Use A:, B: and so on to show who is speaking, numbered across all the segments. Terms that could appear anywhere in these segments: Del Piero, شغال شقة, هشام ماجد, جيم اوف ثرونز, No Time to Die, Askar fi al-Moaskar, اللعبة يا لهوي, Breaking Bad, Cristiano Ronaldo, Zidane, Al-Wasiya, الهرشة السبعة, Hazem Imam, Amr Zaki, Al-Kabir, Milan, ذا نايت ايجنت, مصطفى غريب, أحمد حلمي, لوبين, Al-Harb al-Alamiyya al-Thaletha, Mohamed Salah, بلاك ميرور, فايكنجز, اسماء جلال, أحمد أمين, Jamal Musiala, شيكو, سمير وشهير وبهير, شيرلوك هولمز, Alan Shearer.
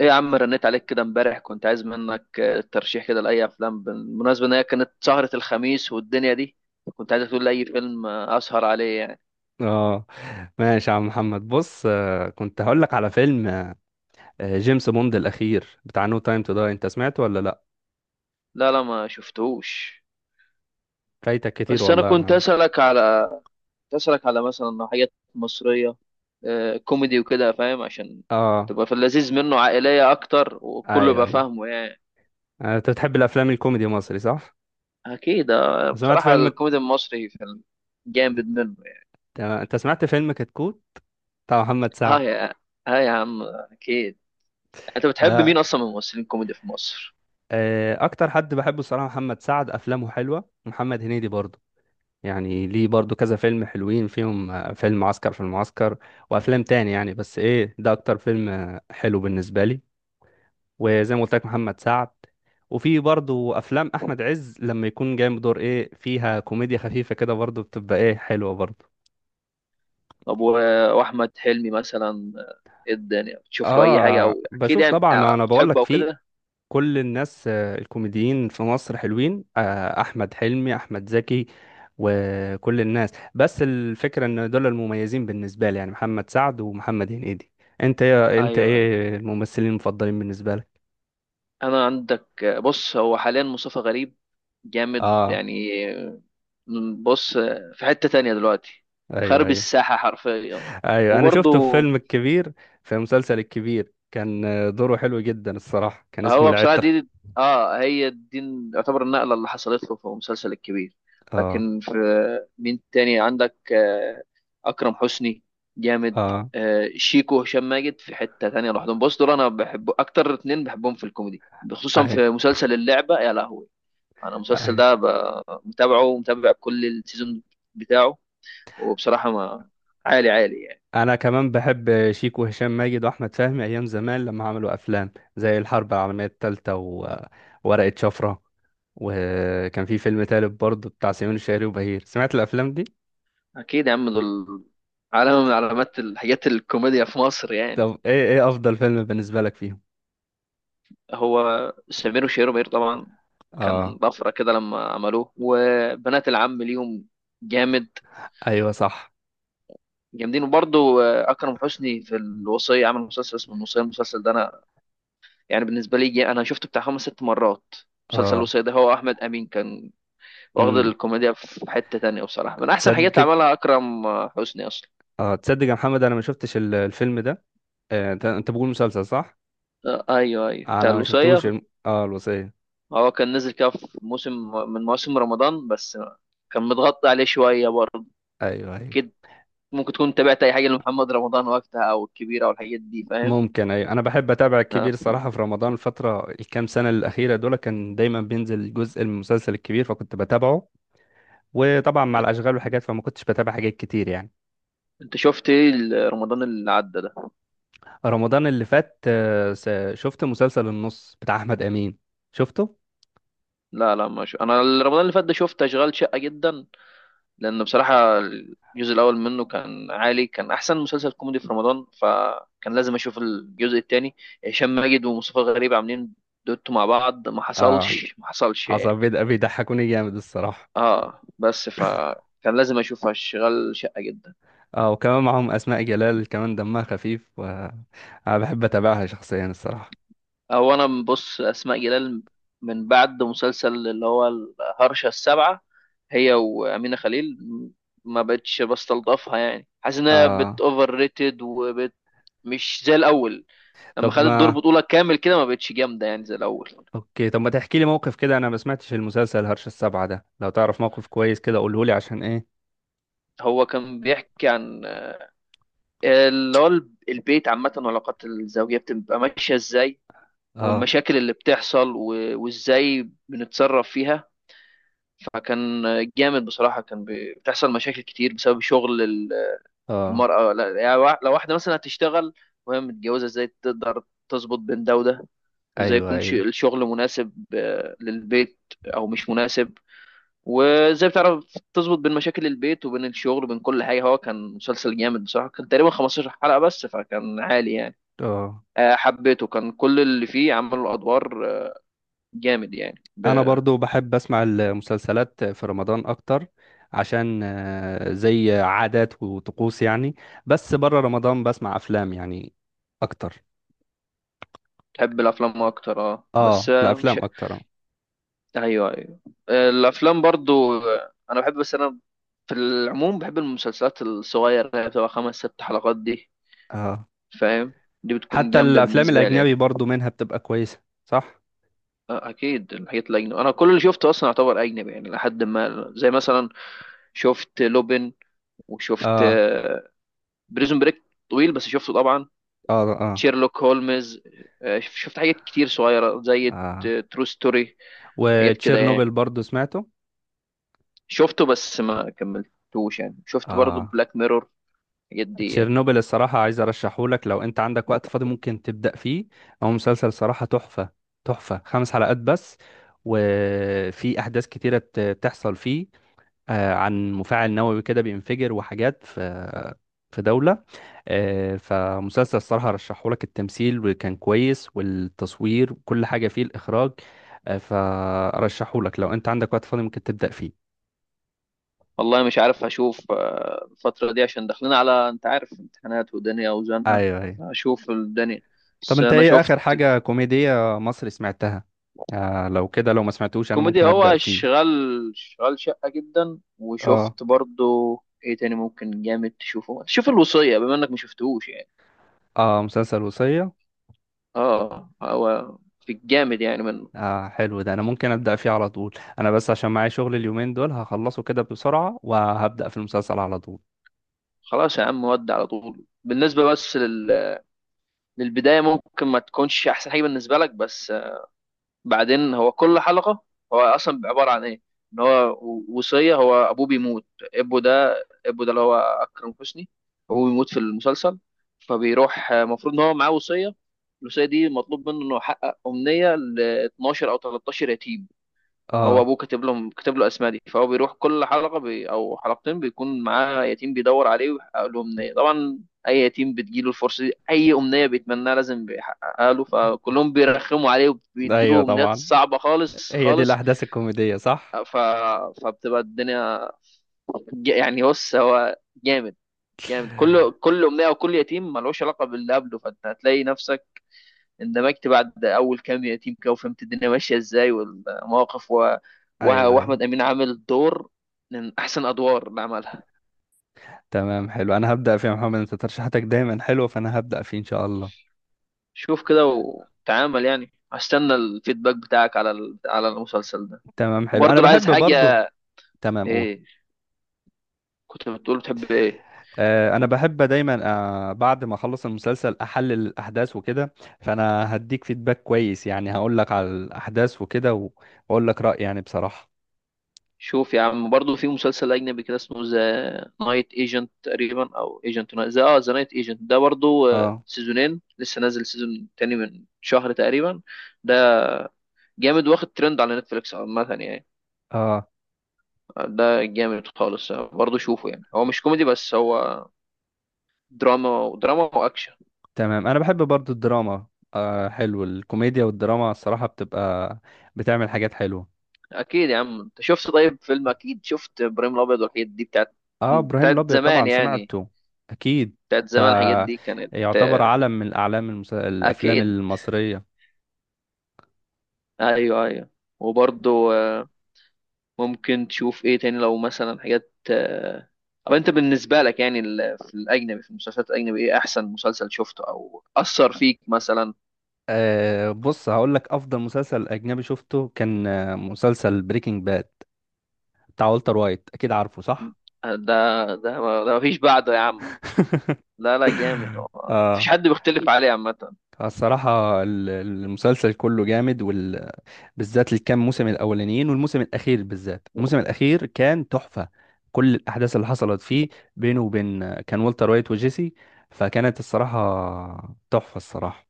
A: ايه يا عم، رنيت عليك كده امبارح. كنت عايز منك ترشيح كده لاي افلام، بالمناسبه ان هي كانت سهره الخميس والدنيا دي. كنت عايز تقول لي اي فيلم اسهر عليه يعني.
B: اه ماشي يا عم محمد، بص، كنت هقول لك على فيلم جيمس بوند الاخير بتاع نو تايم تو داي. انت سمعته ولا لا؟
A: لا لا، ما شفتهوش.
B: فايتك كتير
A: بس انا
B: والله يا
A: كنت
B: محمد.
A: اسالك على كنت اسالك على مثلا حاجات مصريه كوميدي وكده، فاهم؟ عشان
B: اه،
A: تبقى في اللذيذ منه، عائليه اكتر، وكله
B: ايوه
A: يبقى
B: ايوه.
A: فاهمه يعني.
B: انت بتحب الافلام الكوميدي المصري صح؟
A: اكيد
B: سمعت
A: بصراحه
B: فيلم.
A: الكوميدي المصري في جامد منه يعني.
B: تمام. انت سمعت فيلم كتكوت بتاع محمد
A: ها
B: سعد؟
A: يا ها يا عم اكيد. انت بتحب مين
B: ده
A: اصلا من الممثلين الكوميدي في مصر؟
B: اكتر حد بحبه الصراحه محمد سعد، افلامه حلوه، ومحمد هنيدي برضه يعني. ليه؟ برضه كذا فيلم حلوين فيهم فيلم عسكر في المعسكر، وافلام تاني يعني. بس ايه، ده اكتر فيلم حلو بالنسبه لي، وزي ما قلت لك محمد سعد. وفي برضو افلام احمد عز لما يكون جاي بدور ايه فيها، كوميديا خفيفه كده، برضو بتبقى ايه حلوه برضو.
A: طب و- واحمد حلمي مثلا، ايه الدنيا بتشوف له اي حاجه، او
B: اه
A: اكيد
B: بشوف
A: يعني
B: طبعا، ما انا بقول
A: بتحبه
B: لك
A: او
B: في
A: كده.
B: كل الناس الكوميديين في مصر حلوين. احمد حلمي، احمد زكي، وكل الناس، بس الفكره ان دول المميزين بالنسبه لي يعني محمد سعد ومحمد هنيدي. انت، يا انت،
A: ايوه ايوه،
B: ايه الممثلين المفضلين بالنسبه لك؟
A: انا عندك. بص، هو حاليا مصطفى غريب جامد
B: اه،
A: يعني. بص، في حتة تانية دلوقتي
B: ايوه
A: خارب
B: ايوه.
A: الساحة حرفيا.
B: ايوه انا شفته في
A: وبرضه
B: فيلم الكبير، في مسلسل الكبير كان دوره حلو جدا الصراحه. كان اسمه
A: هو بصراحة
B: العتر.
A: دي، اه هي دي، يعتبر النقلة اللي حصلت له في المسلسل الكبير.
B: اه
A: لكن في مين تاني عندك؟ أكرم حسني جامد
B: اه.
A: شيكو وهشام ماجد في حتة تانية لوحدهم. بص، دول أنا بحب أكتر اتنين بحبهم في الكوميدي، خصوصا في
B: ايوه
A: مسلسل اللعبة يا لهوي. أنا المسلسل
B: ايوه،
A: ده متابعه ومتابع كل السيزون بتاعه. وبصراحة ما عالي عالي يعني.
B: انا كمان بحب شيكو وهشام ماجد واحمد فهمي ايام زمان لما عملوا افلام زي الحرب العالميه الثالثه وورقه شفره. وكان في فيلم تالت برضه بتاع سمير الشهري وبهير. سمعت الافلام دي؟
A: أكيد يا عم، دول علامة من علامات الحاجات الكوميديا في مصر يعني.
B: طب ايه، ايه افضل فيلم بالنسبه لك فيهم؟
A: هو سمير وشهير وبهير طبعا
B: اه
A: كان طفرة كده لما عملوه، وبنات العم ليهم جامد،
B: ايوه صح
A: جامدين. وبرضه أكرم حسني في الوصية، عمل مسلسل اسمه الوصية. المسلسل ده أنا يعني بالنسبة لي، أنا شفته بتاع خمس ست مرات. مسلسل
B: اه.
A: الوصية ده هو أحمد أمين كان واخد
B: امم،
A: الكوميديا في حتة تانية. بصراحة من أحسن الحاجات
B: تصدق؟
A: اللي عملها أكرم حسني أصلا.
B: اه تصدق يا محمد، انا ما شفتش الفيلم ده. انت، انت بقول مسلسل، صح؟
A: أيوه أيوه، بتاع
B: انا ما
A: الوصية.
B: شفتوش اه، الوصية.
A: هو كان نزل كده في موسم من مواسم رمضان بس. كان متغطى عليه شوية برضه
B: ايوه ايوه.
A: أكيد. ممكن تكون تابعت اي حاجه لمحمد رمضان وقتها، او الكبيره او الحاجات دي، فاهم.
B: ممكن، ايوه، انا بحب اتابع
A: لا،
B: الكبير صراحة في رمضان. الفترة الكام سنة الأخيرة دول كان دايما بينزل جزء من المسلسل الكبير فكنت بتابعه. وطبعا مع الاشغال والحاجات فما كنتش بتابع حاجات كتير يعني.
A: انت شفت ايه رمضان اللي عدى ده؟
B: رمضان اللي فات، شفت مسلسل النص بتاع احمد امين. شفته.
A: لا لا، ما شو. انا رمضان اللي فات ده شفت اشغال شقه جدا. لان بصراحه الجزء الاول منه كان عالي، كان احسن مسلسل كوميدي في رمضان، فكان لازم اشوف الجزء الثاني. هشام ماجد ومصطفى غريب عاملين دوتو مع بعض، ما
B: اه.
A: حصلش ما حصلش
B: حصل،
A: يعني.
B: بيضحكوني جامد الصراحة.
A: اه، بس فكان لازم اشوف اشغال شقه جدا.
B: اه، وكمان معاهم اسماء جلال، كمان دمها خفيف، وانا بحب اتابعها شخصيا الصراحة.
A: هو انا بص اسماء جلال، من بعد مسلسل اللي هو الهرشة السبعة، هي وأمينة خليل ما بقتش بستلطفها يعني. حاسس انها بت
B: اه،
A: اوفر ريتد وبت، مش زي الاول. لما
B: طب
A: خدت دور
B: ما
A: بطولة كامل كده، ما بقتش جامدة يعني زي الاول.
B: اوكي، طب ما تحكي لي موقف كده؟ انا ما سمعتش المسلسل هرش السبعة ده. لو تعرف موقف كويس كده قوله لي عشان ايه.
A: هو كان بيحكي عن اللي هو البيت عامة، والعلاقات الزوجية بتبقى ماشية ازاي،
B: اه.
A: والمشاكل اللي بتحصل وازاي بنتصرف فيها. فكان جامد بصراحة. كان بتحصل مشاكل كتير بسبب شغل
B: اه.
A: المرأة. لا يعني لو واحدة مثلا هتشتغل وهي متجوزة، ازاي تقدر تظبط بين ده وده، وازاي
B: ايوه
A: يكون
B: ايوه.
A: الشغل مناسب للبيت او مش مناسب، وازاي بتعرف تظبط بين مشاكل البيت وبين الشغل وبين كل حاجة؟ هو كان مسلسل جامد بصراحة. كان تقريبا 15 حلقة بس، فكان عالي يعني.
B: اه.
A: حبيته، كان كل اللي فيه عملوا الأدوار جامد يعني.
B: انا برضو بحب اسمع المسلسلات في رمضان اكتر عشان زي عادات وطقوس يعني. بس بره رمضان بسمع افلام يعني اكتر.
A: بتحب الأفلام أكتر؟ اه بس
B: اه،
A: مش
B: الافلام اكتر اه.
A: ايوه ايوه، الافلام برضو انا بحب. بس انا في العموم بحب المسلسلات الصغيره، اللي هي بتبقى خمس ست حلقات دي،
B: اه،
A: فاهم. دي بتكون
B: حتى
A: جامده
B: الافلام
A: بالنسبه لي يعني.
B: الاجنبي برضو منها بتبقى كويسة صح.
A: اكيد، الحاجات الاجنبي انا كل اللي شفته اصلا يعتبر اجنبي يعني. لحد ما زي مثلا شفت لوبين، وشفت
B: اه
A: بريزون بريك، طويل بس شفته طبعا.
B: اه اه
A: شيرلوك هولمز، شفت حاجات كتير صغيره زي
B: اه،
A: ترو ستوري، حاجات كده يعني.
B: وتشيرنوبل برضو سمعته.
A: شفته بس ما كملتوش يعني. شفت برضو
B: اه،
A: بلاك ميرور، الحاجات دي يعني.
B: تشيرنوبل الصراحة عايز ارشحهولك. لو انت عندك وقت فاضي ممكن تبدأ فيه. هو مسلسل صراحة تحفة، تحفة. خمس حلقات بس، وفي احداث كتيرة بتحصل فيه عن مفاعل نووي كده بينفجر، وحاجات في في دولة. فمسلسل الصراحة رشحهولك، التمثيل وكان كويس والتصوير وكل حاجة فيه، الإخراج. فرشحهولك لو انت عندك وقت فاضي ممكن تبدأ فيه.
A: والله مش عارف هشوف الفترة دي، عشان داخلين على، انت عارف، امتحانات ودنيا وزنقة.
B: ايوه ايوه.
A: هشوف الدنيا.
B: طب
A: بس
B: انت
A: انا
B: ايه
A: شفت
B: اخر حاجة كوميدية مصري سمعتها؟ آه لو كده، لو ما سمعتوش انا
A: كوميدي،
B: ممكن ابدا
A: هو
B: فيه.
A: شغال، شغال شقة جدا،
B: اه.
A: وشفت برضو، ايه تاني ممكن جامد تشوفه؟ شوف الوصية بما انك ما شفتهوش يعني.
B: اه، مسلسل وصية.
A: اه، هو في الجامد يعني منه.
B: آه حلو ده، انا ممكن ابدا فيه على طول. انا بس عشان معايا شغل اليومين دول هخلصه كده بسرعة وهبدا في المسلسل على طول.
A: خلاص يا عم، ودي على طول بالنسبة بس للبداية ممكن ما تكونش احسن حاجة بالنسبة لك، بس بعدين هو كل حلقة، هو أصلا عبارة عن إيه؟ إن هو وصية، هو أبوه بيموت، أبوه ده، أبوه ده اللي هو أكرم حسني، أبوه بيموت في المسلسل. فبيروح المفروض إن هو معاه وصية. الوصية دي مطلوب منه إنه يحقق أمنية ل 12 أو 13 يتيم. هو
B: اه.
A: ابوه كاتب لهم، كاتب له اسماء دي. فهو بيروح كل حلقه بي او حلقتين، بيكون معاه يتيم بيدور عليه ويحقق له امنيه طبعا. اي يتيم بتجيله الفرصه دي، اي امنيه بيتمناها لازم بيحققها له. فكلهم بيرخموا عليه
B: ايوه
A: وبيدوا امنيات
B: طبعا،
A: صعبه، خالص
B: هي دي
A: خالص.
B: الاحداث الكوميدية صح.
A: ف... فبتبقى الدنيا يعني بص، هو جامد، جامد. كل امنيه وكل يتيم ملوش علاقه باللي قبله. فانت هتلاقي نفسك اندمجت بعد اول كام يتيم كده، وفهمت الدنيا ماشيه ازاي، والمواقف
B: ايوه ايوه.
A: واحمد امين عامل دور من احسن ادوار اللي عملها.
B: تمام، حلو، انا هبدا فيه يا محمد. انت ترشيحاتك دايما حلوة فانا هبدا فيه ان شاء الله.
A: شوف كده وتعامل يعني، هستنى الفيدباك بتاعك على على المسلسل ده.
B: تمام، حلو، انا
A: وبرضه لو عايز
B: بحب برضو.
A: حاجه،
B: تمام، قول.
A: ايه، كنت بتقول بتحب ايه؟
B: انا بحب دايما بعد ما اخلص المسلسل احلل الاحداث وكده، فانا هديك فيدباك كويس يعني. هقول لك على الاحداث وكده و- واقول لك رايي يعني بصراحه.
A: شوف يا عم برضه في مسلسل اجنبي كده اسمه ذا نايت ايجنت تقريبا، او ايجنت ذا، اه ذا نايت ايجنت ده برضه
B: اه.
A: سيزونين، لسه نازل سيزون تاني من شهر تقريبا. ده جامد، واخد ترند على نتفليكس عامة يعني.
B: اه،
A: ده جامد خالص برضه، شوفه يعني. هو مش كوميدي بس، هو دراما، ودراما واكشن.
B: تمام، انا بحب برضو الدراما. آه حلو الكوميديا والدراما الصراحه بتبقى بتعمل حاجات حلوه.
A: اكيد يا عم، انت شفت طيب فيلم، اكيد شفت ابراهيم الابيض والحاجات دي بتاعت،
B: اه ابراهيم
A: بتاعت
B: الابيض
A: زمان
B: طبعا
A: يعني،
B: سمعته. اكيد،
A: بتاعت
B: ده
A: زمان. الحاجات دي كانت
B: يعتبر علم من الاعلام، الافلام
A: اكيد.
B: المصريه.
A: ايوه ايوه، وبرضه ممكن تشوف ايه تاني، لو مثلا حاجات طب انت بالنسبة لك يعني في الاجنبي، في المسلسلات الاجنبي، ايه احسن مسلسل شفته او اثر فيك مثلا؟
B: آه بص، هقول لك افضل مسلسل اجنبي شفته كان مسلسل بريكنج باد بتاع والتر وايت، اكيد عارفه صح.
A: ده ده ده مفيش بعده يا عم. لا لا جامد، هو مفيش
B: اه.
A: حد بيختلف عليه عامة.
B: الصراحة المسلسل كله جامد، وال... بالذات الكام موسم الأولانيين والموسم الأخير. بالذات الموسم الأخير كان تحفة. كل الأحداث اللي حصلت فيه بينه وبين كان والتر وايت وجيسي، فكانت الصراحة تحفة الصراحة.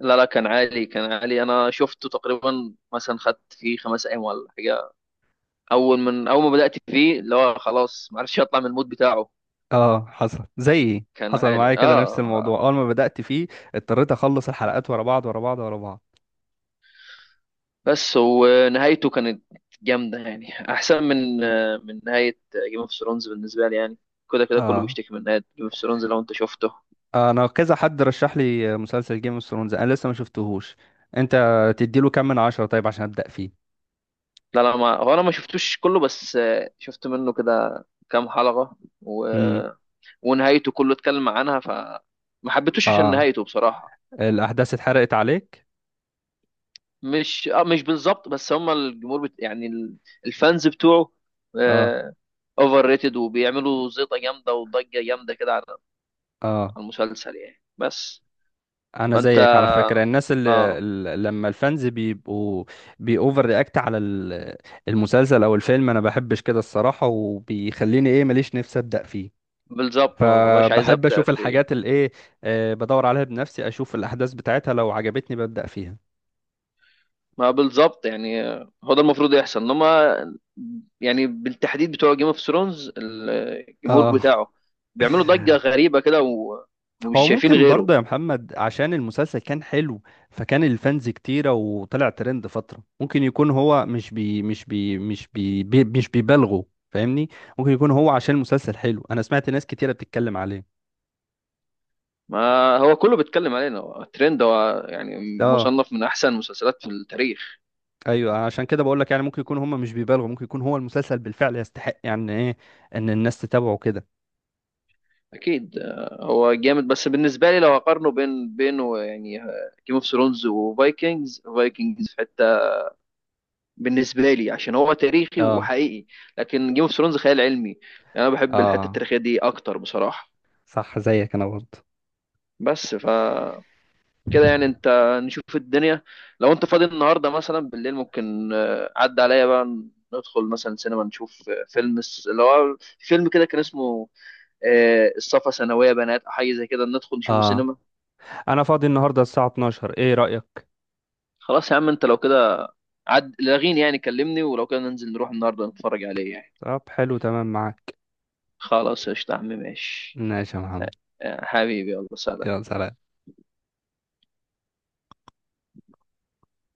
A: لا لا كان عالي، كان عالي. أنا شفته تقريبا مثلا، خدت فيه خمس أيام ولا حاجة. أول ما بدأت فيه، اللي هو خلاص معرفش أطلع من المود بتاعه.
B: اه حصل زي إيه؟
A: كان
B: حصل
A: عالي
B: معايا كده نفس
A: آه.
B: الموضوع أول ما بدأت فيه. اضطريت أخلص الحلقات ورا بعض ورا بعض ورا بعض.
A: بس ونهايته كانت جامدة يعني أحسن من نهاية جيم اوف ثرونز بالنسبة لي يعني. كده كده كله
B: اه
A: بيشتكي من نهاية جيم اوف ثرونز، لو أنت شفته.
B: انا كذا حد رشح لي مسلسل جيم اوف ثرونز، انا لسه ما شفتهوش. انت تديله كام من عشرة طيب عشان ابدا فيه؟
A: لا لا، ما هو انا ما شفتوش كله، بس شفت منه كده كام حلقة و...
B: امم.
A: ونهايته كله اتكلم عنها. فما حبيتوش عشان
B: اه،
A: نهايته بصراحة.
B: الاحداث اتحرقت عليك؟
A: مش، اه مش بالظبط، بس هم الجمهور يعني الفانز بتوعه
B: اه
A: اوفر ريتد، وبيعملوا زيطة جامدة وضجة جامدة كده على
B: اه.
A: المسلسل يعني. بس
B: انا
A: فانت
B: زيك على فكره، الناس اللي
A: اه
B: لما الفانز بيبقوا بيأوفر رياكت على المسلسل او الفيلم، انا بحبش كده الصراحه، وبيخليني ايه، ماليش نفسي ابدا فيه.
A: بالظبط، ما بقاش عايز
B: فبحب
A: ابدا
B: اشوف
A: في.
B: الحاجات اللي ايه، آه بدور عليها بنفسي، اشوف الاحداث بتاعتها لو عجبتني ببدا فيها.
A: ما بالظبط يعني، هو ده المفروض يحصل، انما يعني بالتحديد بتوع جيم اوف ثرونز، الجمهور
B: اه.
A: بتاعه بيعملوا ضجة غريبة كده
B: هو
A: ومش شايفين
B: ممكن
A: غيره.
B: برضه يا محمد عشان المسلسل كان حلو فكان الفانز كتيرة وطلع ترند فترة. ممكن يكون هو مش بي مش بي مش بي, بي مش بيبالغوا. فاهمني؟ ممكن يكون هو عشان المسلسل حلو انا سمعت ناس كتيرة بتتكلم عليه.
A: ما هو كله بيتكلم علينا، هو الترند هو يعني،
B: اه،
A: مصنف من احسن المسلسلات في التاريخ.
B: ايوه، عشان كده بقول لك يعني ممكن يكون هم مش بيبالغوا. ممكن يكون هو المسلسل بالفعل يستحق يعني ايه ان الناس تتابعه كده.
A: اكيد هو جامد. بس بالنسبة لي لو اقارنه بينه يعني، جيم اوف ثرونز وفايكنجز، فايكنجز في حتة بالنسبه لي عشان هو تاريخي
B: اه.
A: وحقيقي، لكن جيم اوف ثرونز خيال علمي يعني. انا بحب الحته
B: اه،
A: التاريخيه دي اكتر بصراحه.
B: صح، زيك انا برضه.
A: بس ف كده يعني انت، نشوف الدنيا. لو انت فاضي النهارده مثلا بالليل، ممكن عدى عليا بقى، ندخل مثلا سينما نشوف فيلم اللي هو فيلم كده كان اسمه الصفا ثانويه بنات، او حاجه زي كده، ندخل نشوفه
B: اه،
A: سينما.
B: انا فاضي النهارده الساعة 12، ايه رأيك؟
A: خلاص يا عم، انت لو كده عد لاغيني يعني، كلمني. ولو كده ننزل نروح النهارده نتفرج عليه يعني.
B: طب حلو، تمام، معاك.
A: خلاص قشطة يا عم، ماشي.
B: ماشي يا محمد.
A: حبيبي، يلا سلام.
B: يا سلام.